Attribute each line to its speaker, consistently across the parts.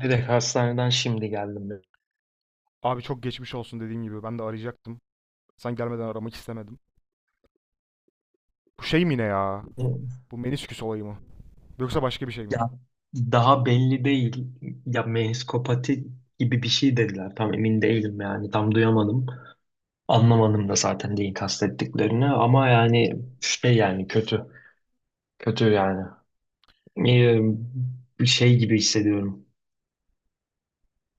Speaker 1: Direkt hastaneden şimdi geldim ben.
Speaker 2: Abi çok geçmiş olsun dediğim gibi. Ben de arayacaktım. Sen gelmeden aramak istemedim. Bu şey mi ne ya? Bu menisküs olayı mı? Yoksa başka bir şey mi?
Speaker 1: Ya daha belli değil. Ya meniskopati gibi bir şey dediler. Tam emin değilim yani. Tam duyamadım. Anlamadım da zaten neyi kastettiklerini. Ama yani şey, yani kötü. Kötü yani. Ee, Bir şey gibi hissediyorum.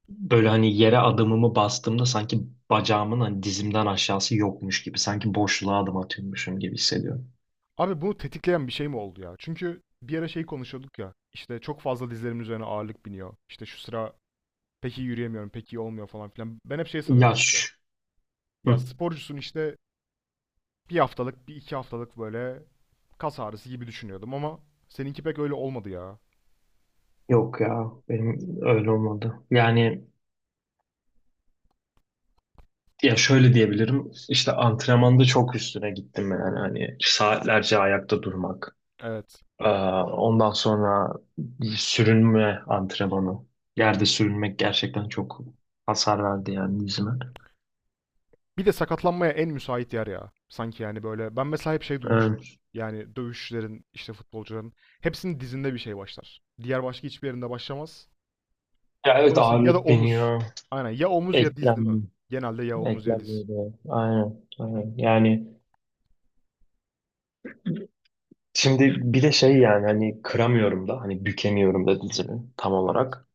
Speaker 1: Böyle hani yere adımımı bastığımda sanki bacağımın, hani dizimden aşağısı yokmuş gibi. Sanki boşluğa adım atıyormuşum gibi hissediyorum.
Speaker 2: Abi bunu tetikleyen bir şey mi oldu ya? Çünkü bir ara şey konuşuyorduk ya. İşte çok fazla dizlerimin üzerine ağırlık biniyor. İşte şu sıra pek iyi yürüyemiyorum, pek iyi olmuyor falan filan. Ben hep şey sanıyordum işte.
Speaker 1: Yaş.
Speaker 2: Ya
Speaker 1: Hı.
Speaker 2: sporcusun işte bir haftalık, bir iki haftalık böyle kas ağrısı gibi düşünüyordum ama seninki pek öyle olmadı ya.
Speaker 1: Yok ya, benim öyle olmadı. Yani ya şöyle diyebilirim. İşte antrenmanda çok üstüne gittim yani, hani saatlerce ayakta durmak.
Speaker 2: Evet.
Speaker 1: Ee, ondan sonra sürünme antrenmanı. Yerde sürünmek gerçekten çok hasar verdi yani dizime.
Speaker 2: Bir de sakatlanmaya en müsait yer ya. Sanki yani böyle ben mesela hep şey
Speaker 1: Ee,
Speaker 2: duymuşumdur. Yani dövüşçülerin işte futbolcuların hepsinin dizinde bir şey başlar. Diğer başka hiçbir yerinde başlamaz.
Speaker 1: ya
Speaker 2: Onu
Speaker 1: evet,
Speaker 2: da ya da
Speaker 1: ağırlık
Speaker 2: omuz.
Speaker 1: biniyor.
Speaker 2: Aynen ya omuz ya diz değil mi?
Speaker 1: Eklem,
Speaker 2: Genelde ya omuz ya diz.
Speaker 1: eklenmiyor da. Aynen, aynen. Yani şimdi bir de şey, yani hani kıramıyorum da, hani bükemiyorum da dizimi tam
Speaker 2: Evet.
Speaker 1: olarak.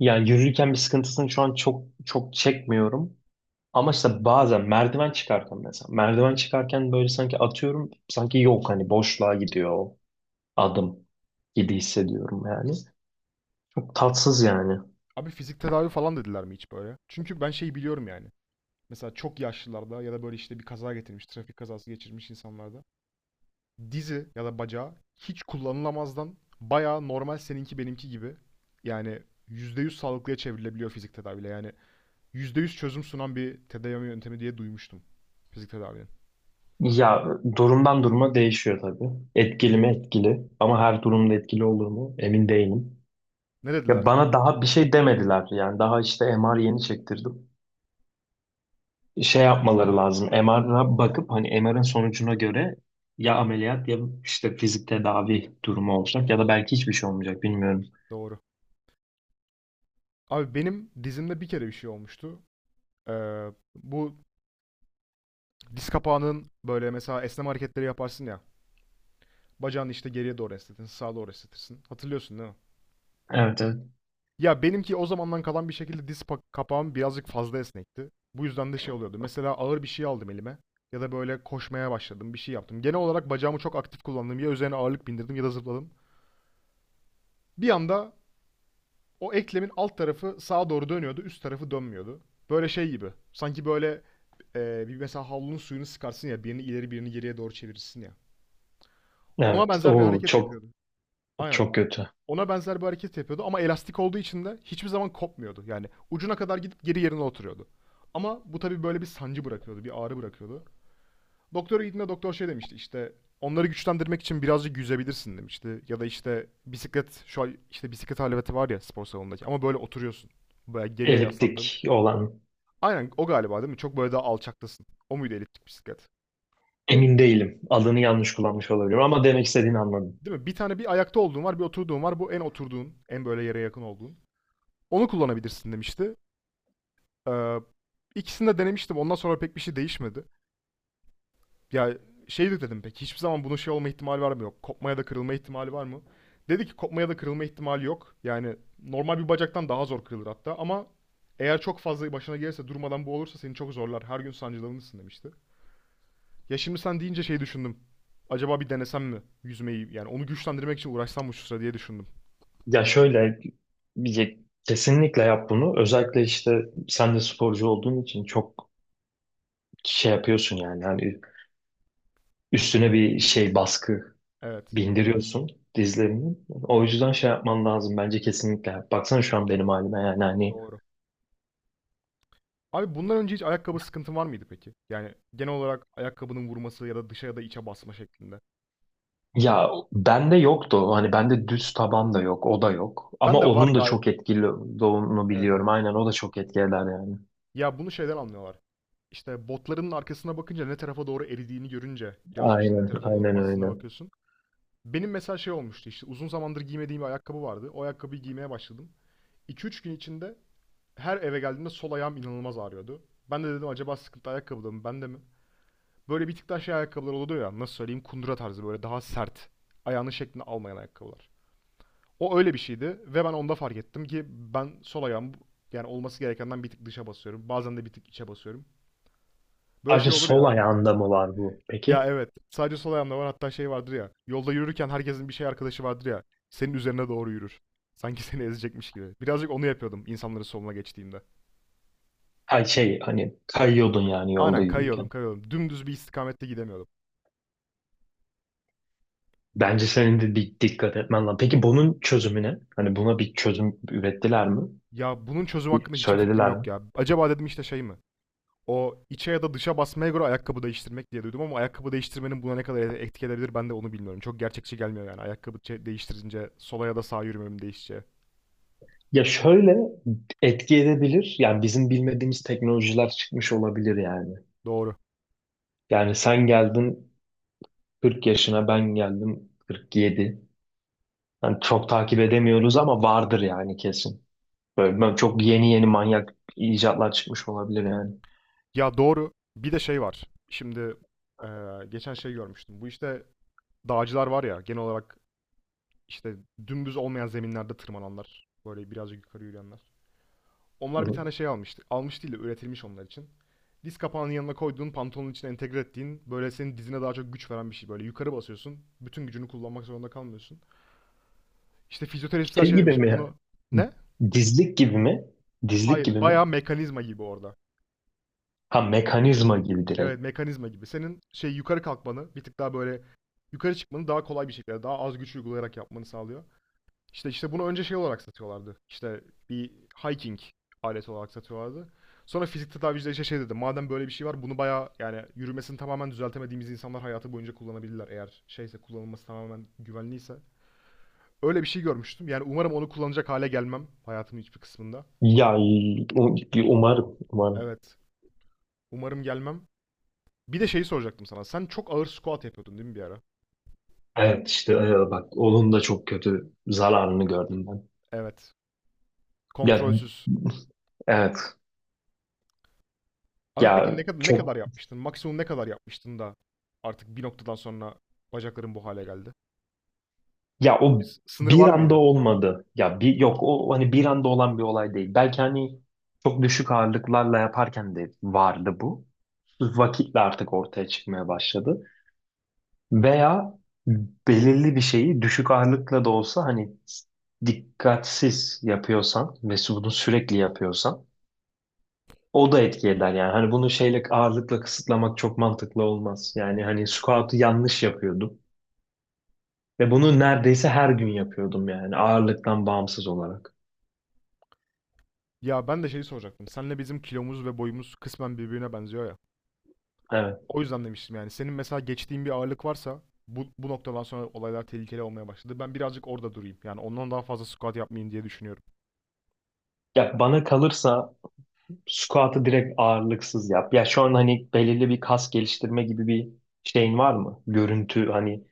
Speaker 1: Yani yürürken bir sıkıntısını şu an çok çok çekmiyorum. Ama işte bazen merdiven çıkarken mesela. Merdiven çıkarken böyle sanki atıyorum. Sanki yok, hani boşluğa gidiyor o adım gibi hissediyorum yani. Çok tatsız yani.
Speaker 2: Abi fizik tedavi falan dediler mi hiç böyle? Çünkü ben şeyi biliyorum yani. Mesela çok yaşlılarda ya da böyle işte bir kaza getirmiş, trafik kazası geçirmiş insanlarda dizi ya da bacağı hiç kullanılamazdan bayağı normal seninki benimki gibi yani %100 sağlıklıya çevrilebiliyor fizik tedaviyle. Yani %100 çözüm sunan bir tedavi yöntemi diye duymuştum fizik tedavinin.
Speaker 1: Ya durumdan duruma değişiyor tabii. Etkili mi etkili, ama her durumda etkili olur mu emin değilim.
Speaker 2: Ne dediler
Speaker 1: Ya
Speaker 2: sana?
Speaker 1: bana daha bir şey demediler yani, daha işte MR yeni çektirdim. Şey yapmaları lazım, MR'a bakıp hani MR'ın sonucuna göre ya ameliyat, ya işte fizik tedavi durumu olacak, ya da belki hiçbir şey olmayacak, bilmiyorum.
Speaker 2: Doğru. Abi benim dizimde bir kere bir şey olmuştu. Bu diz kapağının böyle mesela esneme hareketleri yaparsın ya. Bacağını işte geriye doğru esnetirsin, sağa doğru esnetirsin. Hatırlıyorsun değil mi?
Speaker 1: Evet, evet.
Speaker 2: Ya benimki o zamandan kalan bir şekilde diz kapağım birazcık fazla esnekti. Bu yüzden de şey oluyordu. Mesela ağır bir şey aldım elime ya da böyle koşmaya başladım, bir şey yaptım. Genel olarak bacağımı çok aktif kullandım. Ya üzerine ağırlık bindirdim ya da zıpladım. Bir anda o eklemin alt tarafı sağa doğru dönüyordu, üst tarafı dönmüyordu. Böyle şey gibi. Sanki böyle bir mesela havlunun suyunu sıkarsın ya birini ileri birini geriye doğru çevirirsin ya. Ona
Speaker 1: Evet.
Speaker 2: benzer bir
Speaker 1: Oo,
Speaker 2: hareket
Speaker 1: çok
Speaker 2: yapıyordum. Aynen.
Speaker 1: çok kötü.
Speaker 2: Ona benzer bir hareket yapıyordu ama elastik olduğu için de hiçbir zaman kopmuyordu. Yani ucuna kadar gidip geri yerine oturuyordu. Ama bu tabii böyle bir sancı bırakıyordu, bir ağrı bırakıyordu. Doktora gittiğinde doktor şey demişti işte onları güçlendirmek için birazcık yüzebilirsin demişti. Ya da işte bisiklet şu an işte bisiklet aleveti var ya spor salonundaki ama böyle oturuyorsun. Böyle geriye yaslandın.
Speaker 1: Eliptik olan.
Speaker 2: Aynen o galiba değil mi? Çok böyle daha alçaktasın. O muydu eliptik bisiklet?
Speaker 1: Emin değilim. Adını yanlış kullanmış olabilirim ama demek istediğini anladım.
Speaker 2: Değil mi? Bir tane bir ayakta olduğun var, bir oturduğun var. Bu en oturduğun, en böyle yere yakın olduğun. Onu kullanabilirsin demişti. Ee, ikisini de denemiştim. Ondan sonra pek bir şey değişmedi. Ya şey de dedim peki hiçbir zaman bunun şey olma ihtimali var mı yok? Kopmaya da kırılma ihtimali var mı? Dedi ki kopmaya da kırılma ihtimali yok. Yani normal bir bacaktan daha zor kırılır hatta ama eğer çok fazla başına gelirse durmadan bu olursa seni çok zorlar. Her gün sancılanırsın demişti. Ya şimdi sen deyince şey düşündüm. Acaba bir denesem mi yüzmeyi? Yani onu güçlendirmek için uğraşsam mı şu sıra diye düşündüm.
Speaker 1: Ya şöyle, bir kesinlikle yap bunu. Özellikle işte sen de sporcu olduğun için çok şey yapıyorsun yani. Yani üstüne bir şey, baskı
Speaker 2: Evet,
Speaker 1: bindiriyorsun dizlerinin. O yüzden şey yapman lazım bence, kesinlikle. Baksana şu an benim halime yani, hani.
Speaker 2: doğru. Abi bundan önce hiç ayakkabı sıkıntın var mıydı peki? Yani genel olarak ayakkabının vurması ya da dışa ya da içe basma şeklinde.
Speaker 1: Ya bende yoktu o. Hani bende düz taban da yok. O da yok.
Speaker 2: Ben
Speaker 1: Ama
Speaker 2: de var
Speaker 1: onun da
Speaker 2: galiba.
Speaker 1: çok etkili olduğunu
Speaker 2: Evet,
Speaker 1: biliyorum.
Speaker 2: evet.
Speaker 1: Aynen, o da çok etki eder yani.
Speaker 2: Ya bunu şeyden anlıyorlar. İşte botların arkasına bakınca ne tarafa doğru eridiğini görünce birazcık işte ne
Speaker 1: Aynen.
Speaker 2: tarafa doğru
Speaker 1: Aynen
Speaker 2: bastığına
Speaker 1: öyle.
Speaker 2: bakıyorsun. Benim mesela şey olmuştu işte uzun zamandır giymediğim bir ayakkabı vardı. O ayakkabıyı giymeye başladım. 2 3 gün içinde her eve geldiğimde sol ayağım inanılmaz ağrıyordu. Ben de dedim acaba sıkıntı ayakkabıda mı bende mi? Böyle bir tık daha şey ayakkabılar oluyor ya nasıl söyleyeyim kundura tarzı böyle daha sert. Ayağının şeklini almayan ayakkabılar. O öyle bir şeydi ve ben onda fark ettim ki ben sol ayağım yani olması gerekenden bir tık dışa basıyorum. Bazen de bir tık içe basıyorum. Böyle
Speaker 1: Sadece
Speaker 2: şey olur
Speaker 1: sol
Speaker 2: ya.
Speaker 1: ayağında mı var bu
Speaker 2: Ya
Speaker 1: peki?
Speaker 2: evet. Sadece sol ayağımda var. Hatta şey vardır ya. Yolda yürürken herkesin bir şey arkadaşı vardır ya. Senin üzerine doğru yürür. Sanki seni ezecekmiş gibi. Birazcık onu yapıyordum insanların soluna geçtiğimde.
Speaker 1: Hay şey, hani kayıyordun yani yolda
Speaker 2: Aynen, kayıyordum
Speaker 1: yürürken.
Speaker 2: kayıyordum. Dümdüz bir istikamette gidemiyordum.
Speaker 1: Bence senin de bir dikkat etmen lazım. Peki bunun çözümü ne? Hani buna bir çözüm ürettiler mi?
Speaker 2: Ya bunun çözüm hakkında hiçbir fikrim
Speaker 1: Söylediler
Speaker 2: yok
Speaker 1: mi?
Speaker 2: ya. Acaba dedim işte şey mi? O içe ya da dışa basmaya göre ayakkabı değiştirmek diye duydum ama ayakkabı değiştirmenin buna ne kadar etki edebilir ben de onu bilmiyorum. Çok gerçekçi gelmiyor yani ayakkabı değiştirince sola ya da sağa yürümem değişeceği.
Speaker 1: Ya şöyle, etki edebilir. Yani bizim bilmediğimiz teknolojiler çıkmış olabilir yani.
Speaker 2: Doğru.
Speaker 1: Yani sen geldin 40 yaşına, ben geldim 47. Yani çok takip edemiyoruz ama vardır yani, kesin. Böyle ben, çok yeni yeni manyak icatlar çıkmış olabilir yani.
Speaker 2: Ya doğru. Bir de şey var. Şimdi geçen şey görmüştüm. Bu işte dağcılar var ya genel olarak işte dümdüz olmayan zeminlerde tırmananlar. Böyle birazcık yukarı yürüyenler. Onlar bir tane şey almıştı. Almış değil de üretilmiş onlar için. Diz kapağının yanına koyduğun pantolonun içine entegre ettiğin böyle senin dizine daha çok güç veren bir şey böyle. Yukarı basıyorsun. Bütün gücünü kullanmak zorunda kalmıyorsun. İşte fizyoterapistler
Speaker 1: Şey
Speaker 2: şey
Speaker 1: gibi
Speaker 2: demiş.
Speaker 1: mi?
Speaker 2: Bunu ne?
Speaker 1: Dizlik gibi mi? Dizlik
Speaker 2: Hayır,
Speaker 1: gibi mi?
Speaker 2: bayağı mekanizma gibi orada.
Speaker 1: Ha, mekanizma gibi
Speaker 2: Evet,
Speaker 1: direkt.
Speaker 2: mekanizma gibi. Senin şey yukarı kalkmanı, bir tık daha böyle yukarı çıkmanı daha kolay bir şekilde, daha az güç uygulayarak yapmanı sağlıyor. İşte bunu önce şey olarak satıyorlardı. İşte bir hiking aleti olarak satıyorlardı. Sonra fizik tedaviciler işte şey dedi. Madem böyle bir şey var bunu bayağı yani yürümesini tamamen düzeltemediğimiz insanlar hayatı boyunca kullanabilirler. Eğer şeyse kullanılması tamamen güvenliyse. Öyle bir şey görmüştüm. Yani umarım onu kullanacak hale gelmem hayatımın hiçbir kısmında.
Speaker 1: Ya umarım, umarım.
Speaker 2: Evet. Umarım gelmem. Bir de şeyi soracaktım sana. Sen çok ağır squat yapıyordun değil mi bir ara?
Speaker 1: Evet işte, bak onun da çok kötü zararını gördüm ben.
Speaker 2: Evet.
Speaker 1: Ya
Speaker 2: Kontrolsüz.
Speaker 1: evet.
Speaker 2: Abi peki ne
Speaker 1: ya
Speaker 2: kadar ne kadar
Speaker 1: çok
Speaker 2: yapmıştın? Maksimum ne kadar yapmıştın da artık bir noktadan sonra bacakların bu hale geldi?
Speaker 1: ya
Speaker 2: Bunun bir
Speaker 1: o
Speaker 2: sınırı
Speaker 1: bir
Speaker 2: var
Speaker 1: anda
Speaker 2: mıydı?
Speaker 1: olmadı. Ya bir yok, o hani bir anda olan bir olay değil. Belki hani çok düşük ağırlıklarla yaparken de vardı bu. Vakitle artık ortaya çıkmaya başladı. Veya belirli bir şeyi düşük ağırlıkla da olsa hani dikkatsiz yapıyorsan ve bunu sürekli yapıyorsan, o da etki eder yani. Hani bunu şeyle, ağırlıkla kısıtlamak çok mantıklı olmaz. Yani
Speaker 2: Hmm.
Speaker 1: hani squat'u yanlış yapıyordum. Ve bunu neredeyse her gün yapıyordum yani, ağırlıktan bağımsız olarak.
Speaker 2: Ya ben de şeyi soracaktım. Senle bizim kilomuz ve boyumuz kısmen birbirine benziyor ya.
Speaker 1: Evet.
Speaker 2: O yüzden demiştim yani. Senin mesela geçtiğin bir ağırlık varsa bu noktadan sonra olaylar tehlikeli olmaya başladı. Ben birazcık orada durayım. Yani ondan daha fazla squat yapmayayım diye düşünüyorum.
Speaker 1: Ya bana kalırsa squat'ı direkt ağırlıksız yap. Ya şu an hani belirli bir kas geliştirme gibi bir şeyin var mı? Görüntü, hani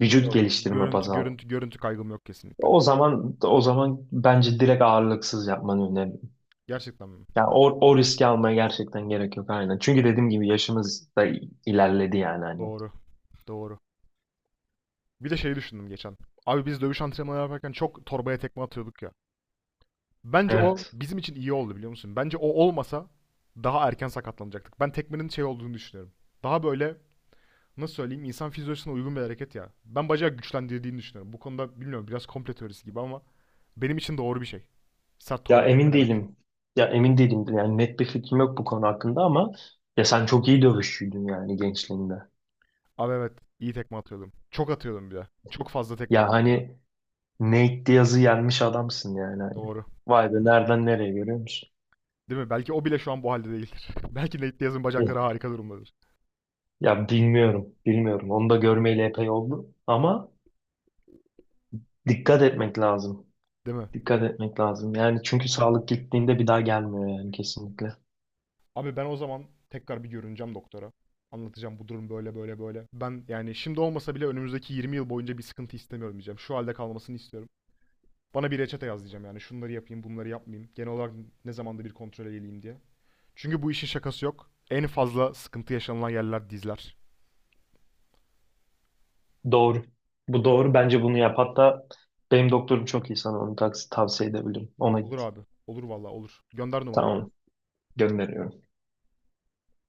Speaker 1: vücut
Speaker 2: Yok.
Speaker 1: geliştirme baz
Speaker 2: Görüntü,
Speaker 1: al.
Speaker 2: görüntü, görüntü kaygım yok kesinlikle.
Speaker 1: O zaman bence direkt ağırlıksız yapmanı öneririm.
Speaker 2: Gerçekten mi?
Speaker 1: Ya o, o riski almaya gerçekten gerek yok, aynen. Çünkü dediğim gibi yaşımız da ilerledi yani, hani.
Speaker 2: Doğru, doğru. Bir de şeyi düşündüm geçen. Abi biz dövüş antrenmanı yaparken çok torbaya tekme atıyorduk ya. Bence o
Speaker 1: Evet.
Speaker 2: bizim için iyi oldu biliyor musun? Bence o olmasa daha erken sakatlanacaktık. Ben tekmenin şey olduğunu düşünüyorum. Daha böyle nasıl söyleyeyim insan fizyolojisine uygun bir hareket ya. Ben bacağı güçlendirdiğini düşünüyorum. Bu konuda bilmiyorum biraz komple teorisi gibi ama benim için doğru bir şey. Sert
Speaker 1: Ya
Speaker 2: torba
Speaker 1: emin
Speaker 2: tekmelemek.
Speaker 1: değilim. Ya emin değilim. Yani net bir fikrim yok bu konu hakkında ama ya sen çok iyi dövüşçüydün yani gençliğinde.
Speaker 2: Abi evet, iyi tekme atıyordum. Çok atıyordum bir de. Çok fazla tekme
Speaker 1: Ya
Speaker 2: attım ya.
Speaker 1: hani Nate Diaz'ı yenmiş adamsın yani, hani.
Speaker 2: Doğru.
Speaker 1: Vay be, nereden nereye, görüyor musun?
Speaker 2: Değil mi? Belki o bile şu an bu halde değildir. Belki Nate Diaz'ın
Speaker 1: Ya
Speaker 2: bacakları harika durumdadır.
Speaker 1: ya bilmiyorum, bilmiyorum. Onu da görmeyeli epey oldu ama dikkat etmek lazım.
Speaker 2: Değil mi?
Speaker 1: Dikkat etmek lazım. Yani çünkü sağlık gittiğinde bir daha gelmiyor yani, kesinlikle.
Speaker 2: Abi ben o zaman tekrar bir görüneceğim doktora. Anlatacağım bu durum böyle böyle böyle. Ben yani şimdi olmasa bile önümüzdeki 20 yıl boyunca bir sıkıntı istemiyorum diyeceğim. Şu halde kalmasını istiyorum. Bana bir reçete yaz diyeceğim yani. Şunları yapayım, bunları yapmayayım. Genel olarak ne zamanda bir kontrol edeyim diye. Çünkü bu işin şakası yok. En fazla sıkıntı yaşanılan yerler dizler.
Speaker 1: Doğru. Bu doğru. Bence bunu yap. Hatta benim doktorum çok iyi, sana onu tavsiye edebilirim. Ona
Speaker 2: Olur
Speaker 1: git.
Speaker 2: abi. Olur vallahi olur. Gönder numarayı.
Speaker 1: Tamam. Gönderiyorum.